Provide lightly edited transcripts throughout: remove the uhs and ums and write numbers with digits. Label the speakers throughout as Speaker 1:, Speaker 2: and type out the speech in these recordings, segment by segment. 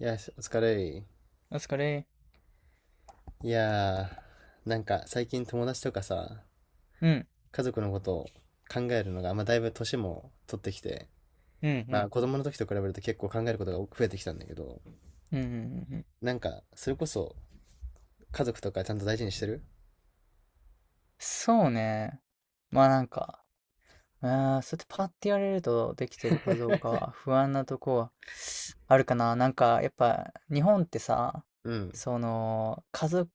Speaker 1: いや、しお疲れい。
Speaker 2: お疲れ。
Speaker 1: いやー、なんか最近友達とかさ、
Speaker 2: うん、
Speaker 1: 家族のことを考えるのが、まあだいぶ年も取ってきて、
Speaker 2: う
Speaker 1: まあ
Speaker 2: ん、
Speaker 1: 子供の時と比べると結構考えることが増えてきたんだけど、
Speaker 2: うん、うん、うん、うんうん。
Speaker 1: なんかそれこそ家族とかちゃんと大事にしてる。
Speaker 2: そうね。まあなんか、そうやってパッて言われるとできてるかどうかは不安なとこはあるかな。なんかやっぱ日本ってさ、
Speaker 1: うん。
Speaker 2: その家族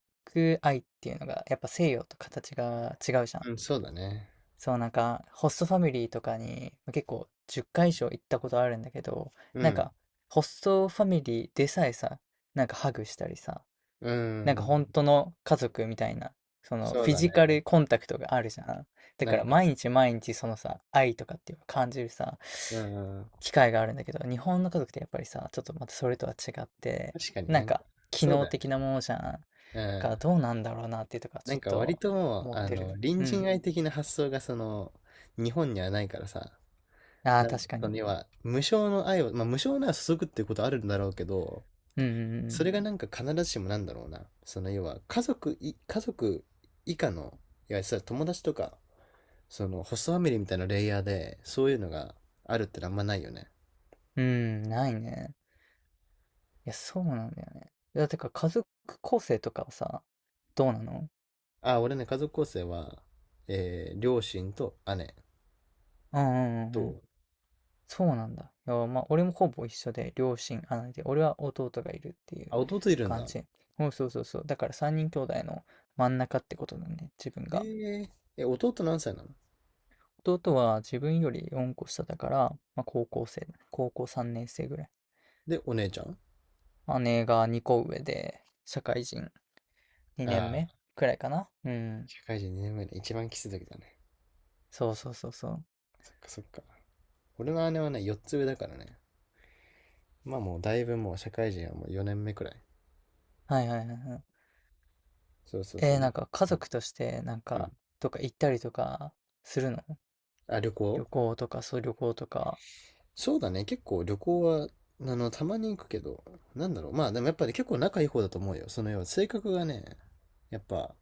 Speaker 2: 愛っていうのがやっぱ西洋と形が違うじゃん。
Speaker 1: うん、そうだね。
Speaker 2: そう、なんかホストファミリーとかに結構10回以上行ったことあるんだけど、
Speaker 1: う
Speaker 2: なん
Speaker 1: ん。
Speaker 2: かホストファミリーでさえさ、なんかハグしたりさ、
Speaker 1: う
Speaker 2: なんか
Speaker 1: ん。
Speaker 2: 本当の家族みたいな、その
Speaker 1: そう
Speaker 2: フィ
Speaker 1: だね。
Speaker 2: ジカルコンタクトがあるじゃん。だ
Speaker 1: な
Speaker 2: か
Speaker 1: ん
Speaker 2: ら
Speaker 1: か、
Speaker 2: 毎日毎日そのさ、愛とかっていうのを感じるさ、
Speaker 1: うん。
Speaker 2: 機会があるんだけど、日本の家族ってやっぱりさ、ちょっとまたそれとは違って、
Speaker 1: 確かに
Speaker 2: な
Speaker 1: な
Speaker 2: ん
Speaker 1: んか、
Speaker 2: か機
Speaker 1: そう
Speaker 2: 能
Speaker 1: だよね。
Speaker 2: 的なものじゃん。だ
Speaker 1: う
Speaker 2: から
Speaker 1: ん。
Speaker 2: どうなんだろうなっていうとか、
Speaker 1: な
Speaker 2: ち
Speaker 1: ん
Speaker 2: ょっ
Speaker 1: か割
Speaker 2: と
Speaker 1: ともう、
Speaker 2: 思ってる。
Speaker 1: 隣
Speaker 2: う
Speaker 1: 人
Speaker 2: ん。
Speaker 1: 愛的な発想がその、日本にはないからさ、
Speaker 2: ああ、
Speaker 1: なんだ
Speaker 2: 確
Speaker 1: ろう、
Speaker 2: か
Speaker 1: そ
Speaker 2: に。
Speaker 1: の要は、無償の愛を、まあ無償なら注ぐっていうことあるんだろうけど、
Speaker 2: う
Speaker 1: それ
Speaker 2: ん
Speaker 1: がなんか必ずしもなんだろうな、その要は、家族以下の、いや、それは友達とか、その、ホストファミリーみたいなレイヤーで、そういうのがあるってのはあんまないよね。
Speaker 2: うんうん。うん、ないね。いや、そうなんだよね。だから家族構成とかはさ、どうなの？
Speaker 1: あ、俺ね、家族構成は、両親と姉
Speaker 2: うんうんう
Speaker 1: と、
Speaker 2: んうん。そうなんだ。いや、まあ、俺もほぼ一緒で、両親、姉で、俺は弟がいるっていう
Speaker 1: あ、弟いるん
Speaker 2: 感
Speaker 1: だ。
Speaker 2: じ。うん、そうそうそう。だから三人兄弟の真ん中ってことだね、自分
Speaker 1: え
Speaker 2: が。
Speaker 1: ー、弟何歳なの
Speaker 2: 弟は自分より四個下だから、まあ、高校生、高校三年生ぐらい。
Speaker 1: で、お姉ちゃん
Speaker 2: 姉が二個上で、社会人二
Speaker 1: あ
Speaker 2: 年
Speaker 1: あ
Speaker 2: 目
Speaker 1: ー、
Speaker 2: くらいかな。うん。
Speaker 1: 社会人2年目で一番キスだけだね。
Speaker 2: そうそうそうそう。
Speaker 1: そっかそっか。俺の姉はね、4つ上だからね。まあもうだいぶもう社会人はもう4年目くらい。
Speaker 2: はいはいはいはい。
Speaker 1: そうそうそう。だ
Speaker 2: なんか家
Speaker 1: うん
Speaker 2: 族として、なん
Speaker 1: う
Speaker 2: か、
Speaker 1: ん。
Speaker 2: とか行ったりとかするの？
Speaker 1: あ、旅
Speaker 2: 旅
Speaker 1: 行
Speaker 2: 行とか、そう、旅行とか。
Speaker 1: そうだね。結構旅行は、たまに行くけど、なんだろう。まあでもやっぱり結構仲いい方だと思うよ。その要は性格がね、やっぱ、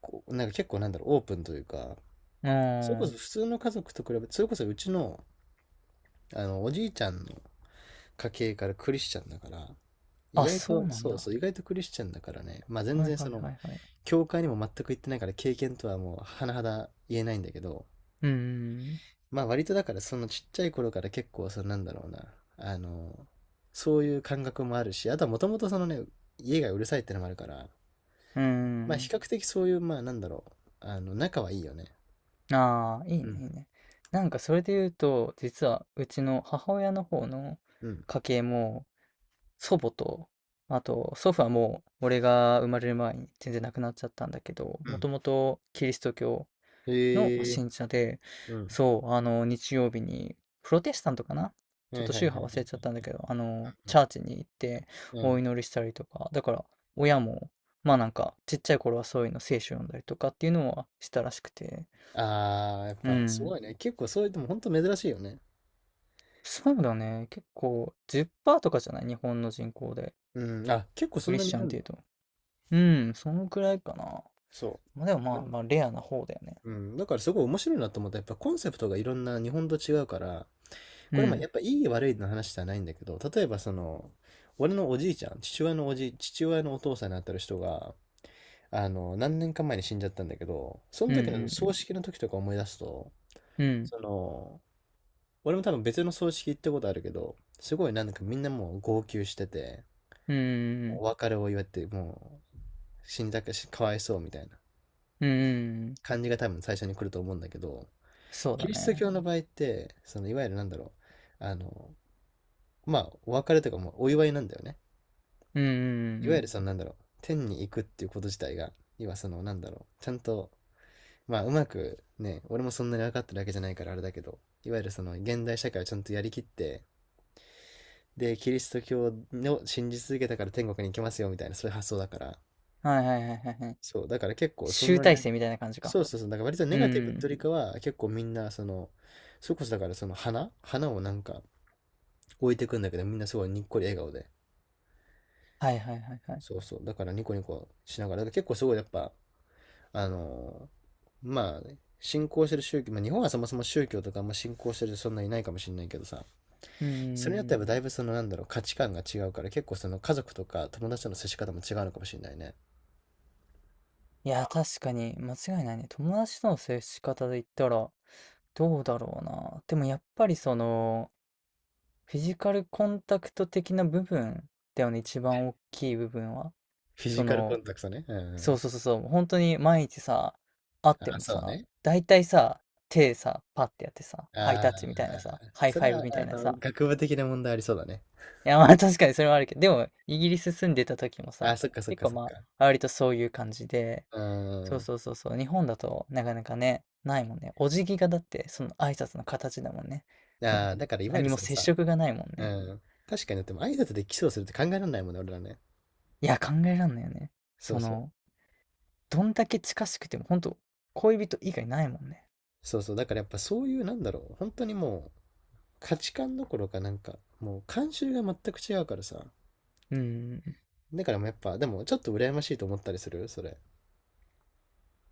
Speaker 1: こう、なんか結構なんだろう、オープンというか、
Speaker 2: う
Speaker 1: それ
Speaker 2: ー
Speaker 1: こそ
Speaker 2: ん。
Speaker 1: 普通の家族と比べて、それこそうちの、おじいちゃんの家系からクリスチャンだから、意
Speaker 2: あ、
Speaker 1: 外
Speaker 2: そ
Speaker 1: と、
Speaker 2: うなん
Speaker 1: そう
Speaker 2: だ。
Speaker 1: そう、意外とクリスチャンだからね、まあ全
Speaker 2: はい
Speaker 1: 然
Speaker 2: は
Speaker 1: そ
Speaker 2: い
Speaker 1: の、
Speaker 2: はいはい。
Speaker 1: 教会にも全く行ってないから経験とはもう甚だ言えないんだけど、
Speaker 2: うーん。
Speaker 1: まあ割とだからそのちっちゃい頃から結構そのなんだろうなあのそういう感覚もあるしあとはもともとそのね家がうるさいってのもあるから
Speaker 2: うーん。う
Speaker 1: まあ比
Speaker 2: ん。
Speaker 1: 較的そういうまあなんだろうあの仲はいいよね。
Speaker 2: ああー、いい
Speaker 1: う
Speaker 2: ね、い
Speaker 1: ん
Speaker 2: いね。なんかそれで言うと、実はうちの母親の方の
Speaker 1: うん
Speaker 2: 家系も、祖母と、あと祖父はもう俺が生まれる前に全然亡くなっちゃったんだけど、
Speaker 1: う
Speaker 2: もと
Speaker 1: ん
Speaker 2: もとキリスト教の
Speaker 1: へえ
Speaker 2: 信者で、
Speaker 1: うん
Speaker 2: そう、日曜日に、プロテスタントかな、ち
Speaker 1: は
Speaker 2: ょっ
Speaker 1: い
Speaker 2: と
Speaker 1: は
Speaker 2: 宗
Speaker 1: いは
Speaker 2: 派忘れ
Speaker 1: い
Speaker 2: ちゃったんだけど、チャーチに行って
Speaker 1: う
Speaker 2: お
Speaker 1: ん、
Speaker 2: 祈りしたりとか、だから親も、まあなんか、ちっちゃい頃はそういうの聖書読んだりとかっていうのはしたらしくて、
Speaker 1: ああーやっ
Speaker 2: う
Speaker 1: ぱす
Speaker 2: ん。
Speaker 1: ごいね結構そういうでも本当珍しいよね。
Speaker 2: そうだね。結構10%とかじゃない？日本の人口で。
Speaker 1: うんあ結構そ
Speaker 2: ク
Speaker 1: ん
Speaker 2: リ
Speaker 1: な
Speaker 2: ス
Speaker 1: にい
Speaker 2: チャン
Speaker 1: る
Speaker 2: っ
Speaker 1: ん
Speaker 2: ていう
Speaker 1: だ
Speaker 2: と。うん、そのくらいかな。
Speaker 1: そ
Speaker 2: まあでも
Speaker 1: うな
Speaker 2: まあ、
Speaker 1: ん
Speaker 2: まあレアな方だよね。
Speaker 1: うん、だからすごい面白いなと思った。やっぱコンセプトがいろんな日本と違うから、
Speaker 2: う
Speaker 1: これもや
Speaker 2: ん。
Speaker 1: っぱいい悪いの話じゃないんだけど、例えばその、俺のおじいちゃん、父親のお父さんになってる人が、何年か前に死んじゃったんだけど、その時の葬式の時とか思い出すと、
Speaker 2: うん。うん。
Speaker 1: その、俺も多分別の葬式行ったことあるけど、すごいなんかみんなもう号泣してて、
Speaker 2: うんうんう
Speaker 1: お
Speaker 2: ん。
Speaker 1: 別れを祝って、もう死んだかし、かわいそうみたいな
Speaker 2: うんうんうん。
Speaker 1: 感じが多分最初に来ると思うんだけど、
Speaker 2: そう
Speaker 1: キ
Speaker 2: だ
Speaker 1: リスト
Speaker 2: ね。
Speaker 1: 教の場合って、そのいわゆるなんだろう、まあ、お別れとかもお祝いなんだよね。
Speaker 2: うんうんうん
Speaker 1: い
Speaker 2: う
Speaker 1: わゆ
Speaker 2: ん。
Speaker 1: るそのなんだろう、天に行くっていうこと自体が、要はそのなんだろう、ちゃんと、まあうまくね、俺もそんなに分かってるわけじゃないからあれだけど、いわゆるその現代社会をちゃんとやりきって、で、キリスト教を信じ続けたから天国に行けますよみたいな、そういう発想だから。
Speaker 2: はいはいはいはいはい。
Speaker 1: そう、だから結構そん
Speaker 2: 集
Speaker 1: なに、
Speaker 2: 大成みたいな感じか。
Speaker 1: そうそうそう、だから割とネ
Speaker 2: う
Speaker 1: ガティブと
Speaker 2: ん。
Speaker 1: いうよりかは、結構みんな、その、それこそだからその花をなんか置いてくんだけど、みんなすごいにっこり笑顔で。
Speaker 2: はいはいはいはい。
Speaker 1: そうそう、だからニコニコしながら、だから結構すごいやっぱ、あの、まあ、ね信仰してる宗教、まあ、日本はそもそも宗教とかあんま信仰してる人そんないないかもしれないけどさ、
Speaker 2: うんうん
Speaker 1: それによっ
Speaker 2: う
Speaker 1: てや
Speaker 2: ん。
Speaker 1: だいぶそのなんだろう、価値観が違うから、結構その家族とか友達との接し方も違うのかもしれないね。
Speaker 2: いや、確かに間違いないね。友達との接し方で言ったら、どうだろうな。でもやっぱりその、フィジカルコンタクト的な部分だよね。一番大きい部分は。
Speaker 1: フィ
Speaker 2: そ
Speaker 1: ジカルコ
Speaker 2: の、
Speaker 1: ンタクトね。う
Speaker 2: そう
Speaker 1: ん。
Speaker 2: そうそうそう。本当に毎日さ、会って
Speaker 1: あ、
Speaker 2: も
Speaker 1: そう
Speaker 2: さ、
Speaker 1: ね。
Speaker 2: 大体さ、手さ、パッてやってさ、ハイ
Speaker 1: あ
Speaker 2: タ
Speaker 1: あ、
Speaker 2: ッチみたいなさ、ハイ
Speaker 1: そ
Speaker 2: フ
Speaker 1: れ
Speaker 2: ァイブ
Speaker 1: は、
Speaker 2: みたいなさ、
Speaker 1: 学部的な問題ありそうだね。
Speaker 2: いや、まあ確かにそれはあるけど、でも、イギリス住んでた時も
Speaker 1: ああ、
Speaker 2: さ、
Speaker 1: そっかそっ
Speaker 2: 結
Speaker 1: か
Speaker 2: 構
Speaker 1: そっ
Speaker 2: ま
Speaker 1: か。
Speaker 2: あ、割とそういう感じで、
Speaker 1: う
Speaker 2: そう
Speaker 1: ん。
Speaker 2: そうそうそう、日本だとなかなかね、ないもんね。お辞儀がだって、その挨拶の形だもんね。もう、
Speaker 1: ああ、だからいわゆ
Speaker 2: 何
Speaker 1: る
Speaker 2: も
Speaker 1: その
Speaker 2: 接
Speaker 1: さ、
Speaker 2: 触がないもん
Speaker 1: う
Speaker 2: ね。
Speaker 1: ん。確かに、でも挨拶でキスをするって考えられないもんね、俺らね。
Speaker 2: いや、考えらんないよね。
Speaker 1: そ
Speaker 2: そ
Speaker 1: うそう。
Speaker 2: の、どんだけ近しくても、ほんと、恋人以外ないもんね。
Speaker 1: そうそう。だからやっぱそういう、なんだろう、本当にもう、価値観どころかなんか、もう慣習が全く違うからさ。
Speaker 2: うんうんうん。
Speaker 1: だからもうやっぱ、でもちょっと羨ましいと思ったりするそれ。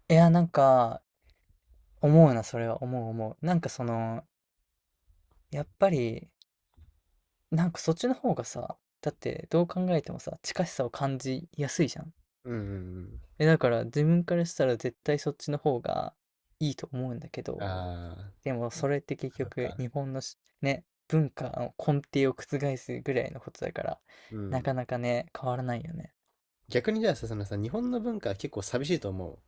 Speaker 2: いや、なんか、思うな、それは思う思う。なんかその、やっぱり、なんかそっちの方がさ、だってどう考えてもさ、近しさを感じやすいじゃん。
Speaker 1: うんうん
Speaker 2: え、だから自分からしたら絶対そっちの方がいいと思うんだけ
Speaker 1: うん。
Speaker 2: ど、
Speaker 1: ああ。
Speaker 2: でも
Speaker 1: はい
Speaker 2: それって結
Speaker 1: そっ
Speaker 2: 局
Speaker 1: か。
Speaker 2: 日本のしね、文化の根底を覆すぐらいのことだから、
Speaker 1: う
Speaker 2: なか
Speaker 1: ん。
Speaker 2: なかね、変わらないよね。
Speaker 1: 逆にじゃあさ、そのさ、日本の文化は結構寂しいと思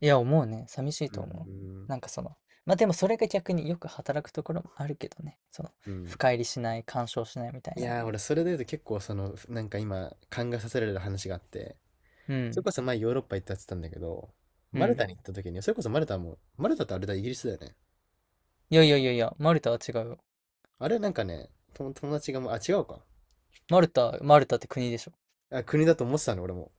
Speaker 2: いや、思うね。寂しい
Speaker 1: う。うん
Speaker 2: と思う。
Speaker 1: うん
Speaker 2: なんかその、まあでもそれが逆によく働くところもあるけどね。その、
Speaker 1: うん。うん。
Speaker 2: 深入りしない、干渉しないみたい
Speaker 1: い
Speaker 2: な。
Speaker 1: やー、俺それで言うと結構その、なんか今、考えさせられる話があって、
Speaker 2: う
Speaker 1: それ
Speaker 2: ん、
Speaker 1: こそ前ヨーロッパ行ったって言ってたんだけど、
Speaker 2: う
Speaker 1: マル
Speaker 2: ん。
Speaker 1: タに行った時に、それこそマルタも、マルタってあれだ、イギリスだよね。
Speaker 2: いやいやいやいや、マルタは違うよ。
Speaker 1: あれなんかね、と友達がもう、あ、違うか。
Speaker 2: マルタって国でしょ？
Speaker 1: あ、国だと思ってたの、俺も。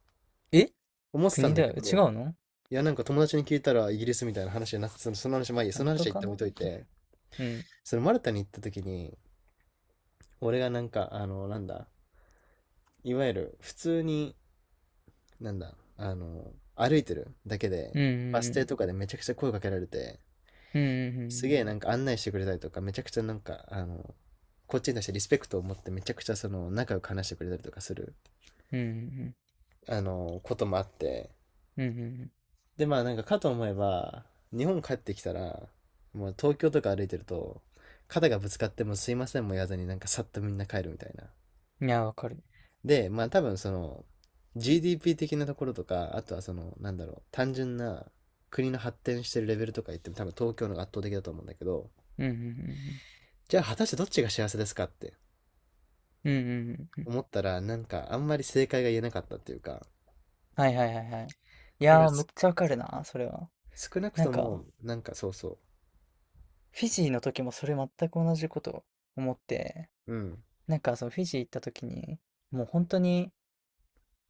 Speaker 2: え、
Speaker 1: 思ってた
Speaker 2: 国
Speaker 1: んだ
Speaker 2: だ
Speaker 1: け
Speaker 2: よ。違
Speaker 1: ど、
Speaker 2: うの？
Speaker 1: いや、なんか友達に聞いたらイギリスみたいな話じゃなくて、その、その話、まあいいや、その
Speaker 2: 本当
Speaker 1: 話は一
Speaker 2: か
Speaker 1: 旦置い
Speaker 2: な。
Speaker 1: といて、
Speaker 2: うん。
Speaker 1: そのマルタに行った時に、俺がなんか、あの、なんだ、いわゆる普通に、なんだ、あの、歩いてるだけで、
Speaker 2: うん、
Speaker 1: バ
Speaker 2: う
Speaker 1: ス停
Speaker 2: ん、
Speaker 1: とかでめちゃくちゃ声かけられて、
Speaker 2: うん、う
Speaker 1: す
Speaker 2: ん、
Speaker 1: げえなんか案内してくれたりとか、めちゃくちゃなんか、こっちに対してリスペクトを持ってめちゃくちゃその仲良く話してくれたりとかする、
Speaker 2: うん、うん、
Speaker 1: こともあって、
Speaker 2: うん、うん、
Speaker 1: で、まあなんかかと思えば、日本帰ってきたら、もう東京とか歩いてると、肩がぶつかってもすいませんも言わずになんかさっとみんな帰るみたいな。
Speaker 2: うん。いや、わかる。
Speaker 1: で、まあ多分その GDP 的なところとか、あとはそのなんだろう、単純な国の発展してるレベルとか言っても多分東京の方が圧倒的だと思うんだけど、
Speaker 2: うん、うん、
Speaker 1: じゃあ果たしてどっちが幸せですかって
Speaker 2: うん、うん、うん、うんうん。
Speaker 1: 思ったらなんかあんまり正解が言えなかったっていうか、
Speaker 2: はいはいはいはい。い
Speaker 1: だか
Speaker 2: や
Speaker 1: ら
Speaker 2: ー、めっ
Speaker 1: す
Speaker 2: ちゃわか
Speaker 1: そ
Speaker 2: る
Speaker 1: う
Speaker 2: な、それは。
Speaker 1: 少なく
Speaker 2: なん
Speaker 1: とも
Speaker 2: か、
Speaker 1: なんかそうそ
Speaker 2: フィジーの時もそれ全く同じこと思って、
Speaker 1: う、うん、
Speaker 2: なんかそのフィジー行った時に、もう本当に、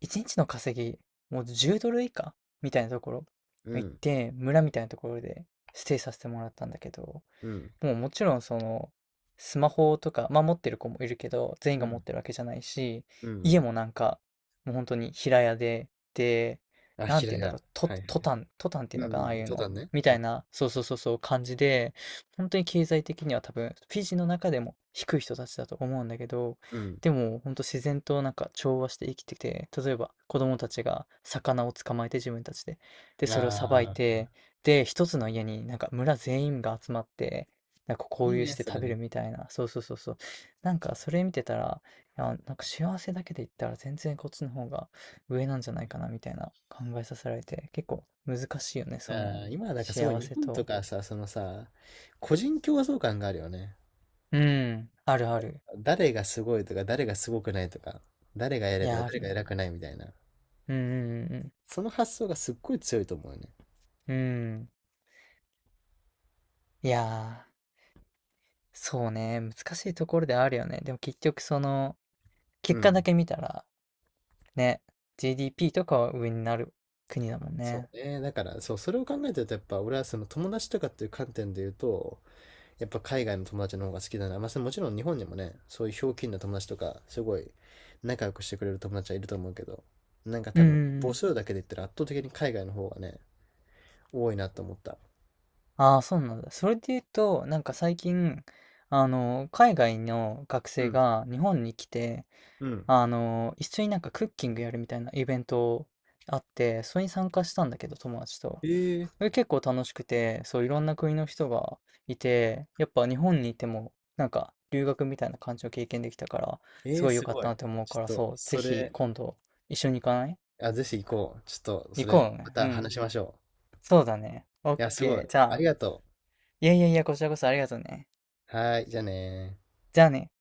Speaker 2: 一日の稼ぎ、もう10ドル以下みたいなところ
Speaker 1: う
Speaker 2: 行っ
Speaker 1: ん、
Speaker 2: て、村みたいなところでステイさせてもらったんだけど、
Speaker 1: うん、
Speaker 2: もうもちろんそのスマホとか、まあ持ってる子もいるけど、全員
Speaker 1: うん、
Speaker 2: が
Speaker 1: う
Speaker 2: 持っ
Speaker 1: ん、
Speaker 2: てるわけじゃないし、
Speaker 1: うん、う
Speaker 2: 家
Speaker 1: ん
Speaker 2: もなんか、もう本当に平屋で、で、
Speaker 1: あ、
Speaker 2: なん
Speaker 1: 平
Speaker 2: て言うんだ
Speaker 1: 屋。
Speaker 2: ろう、
Speaker 1: はいは
Speaker 2: ト
Speaker 1: い。
Speaker 2: タン、トタンっていう
Speaker 1: うん
Speaker 2: のか
Speaker 1: う
Speaker 2: な、ああ
Speaker 1: ん、
Speaker 2: いう
Speaker 1: 登
Speaker 2: の。
Speaker 1: 山ね。
Speaker 2: み
Speaker 1: う
Speaker 2: た
Speaker 1: ん。
Speaker 2: いな、そうそうそうそう感じで、本当に経済的には多分、フィジーの中でも低い人たちだと思うんだけど、
Speaker 1: う
Speaker 2: でも本当自然となんか調和して生きてて、例えば子供たちが魚を捕まえて自分たちで、で、
Speaker 1: ん。
Speaker 2: それをさばい
Speaker 1: ああ、
Speaker 2: て、で、一つの家になんか村全員が集まって、なんか
Speaker 1: い
Speaker 2: 交
Speaker 1: い
Speaker 2: 流し
Speaker 1: ね、
Speaker 2: て
Speaker 1: それ
Speaker 2: 食べ
Speaker 1: ね。
Speaker 2: るみたいな。そうそうそうそう。なんかそれ見てたら、いや、なんか幸せだけで言ったら全然こっちの方が上なんじゃないかなみたいな考えさせられて、結構難しいよね、そ
Speaker 1: あ
Speaker 2: の
Speaker 1: あ、今はなんかすごい
Speaker 2: 幸
Speaker 1: 日
Speaker 2: せ
Speaker 1: 本と
Speaker 2: と。
Speaker 1: かさ、そのさ、個人競争感があるよね。
Speaker 2: うん、あるある。
Speaker 1: 誰がすごいとか、誰がすごくないとか、誰が偉
Speaker 2: い
Speaker 1: いとか、
Speaker 2: や、あ
Speaker 1: 誰
Speaker 2: る
Speaker 1: が
Speaker 2: ね。
Speaker 1: 偉くないみたいな。
Speaker 2: うんうん
Speaker 1: その発想がすっごい強いと思うよね。
Speaker 2: うんうん。うん。いやー、そうね、難しいところであるよね。でも結局その、
Speaker 1: う
Speaker 2: 結果
Speaker 1: ん。
Speaker 2: だけ見たら、ね、GDP とかは上になる国だもん
Speaker 1: そ
Speaker 2: ね。
Speaker 1: うね。だから、そう、それを考えてると、やっぱ俺はその友達とかっていう観点で言うと、やっぱ海外の友達の方が好きだな。まあ、それもちろん日本にもね、そういうひょうきんな友達とか、すごい仲良くしてくれる友達はいると思うけど、なんか
Speaker 2: うん
Speaker 1: 多
Speaker 2: うん
Speaker 1: 分
Speaker 2: う
Speaker 1: 母
Speaker 2: ん。
Speaker 1: 数だけで言ったら圧倒的に海外の方がね、多いなと思った。
Speaker 2: ああ、そうなんだ。それで言うと、なんか最近、海外の学
Speaker 1: う
Speaker 2: 生
Speaker 1: ん。
Speaker 2: が日本に来て、
Speaker 1: うん。
Speaker 2: 一緒になんかクッキングやるみたいなイベントあって、それに参加したんだけど、友達と。
Speaker 1: えー、
Speaker 2: それ結構楽しくて、そう、いろんな国の人がいて、やっぱ日本にいても、なんか留学みたいな感じを経験できたから、す
Speaker 1: えー、
Speaker 2: ごい良
Speaker 1: す
Speaker 2: かっ
Speaker 1: ご
Speaker 2: た
Speaker 1: い。
Speaker 2: なって思う
Speaker 1: ち
Speaker 2: か
Speaker 1: ょっ
Speaker 2: ら、
Speaker 1: と、
Speaker 2: そう、ぜ
Speaker 1: そ
Speaker 2: ひ
Speaker 1: れ、
Speaker 2: 今度一緒に行かない？
Speaker 1: あ、ぜひ行こう。ちょっと、そ
Speaker 2: 行
Speaker 1: れ、
Speaker 2: こう
Speaker 1: ま
Speaker 2: ね。う
Speaker 1: た話
Speaker 2: ん。
Speaker 1: しましょ
Speaker 2: そうだね。オッ
Speaker 1: う。いや、すごい。
Speaker 2: ケー。じゃ
Speaker 1: あり
Speaker 2: あ、
Speaker 1: がと
Speaker 2: いやいやいや、こちらこそありがとうね。
Speaker 1: う。はーい、じゃあねー。
Speaker 2: じゃあね。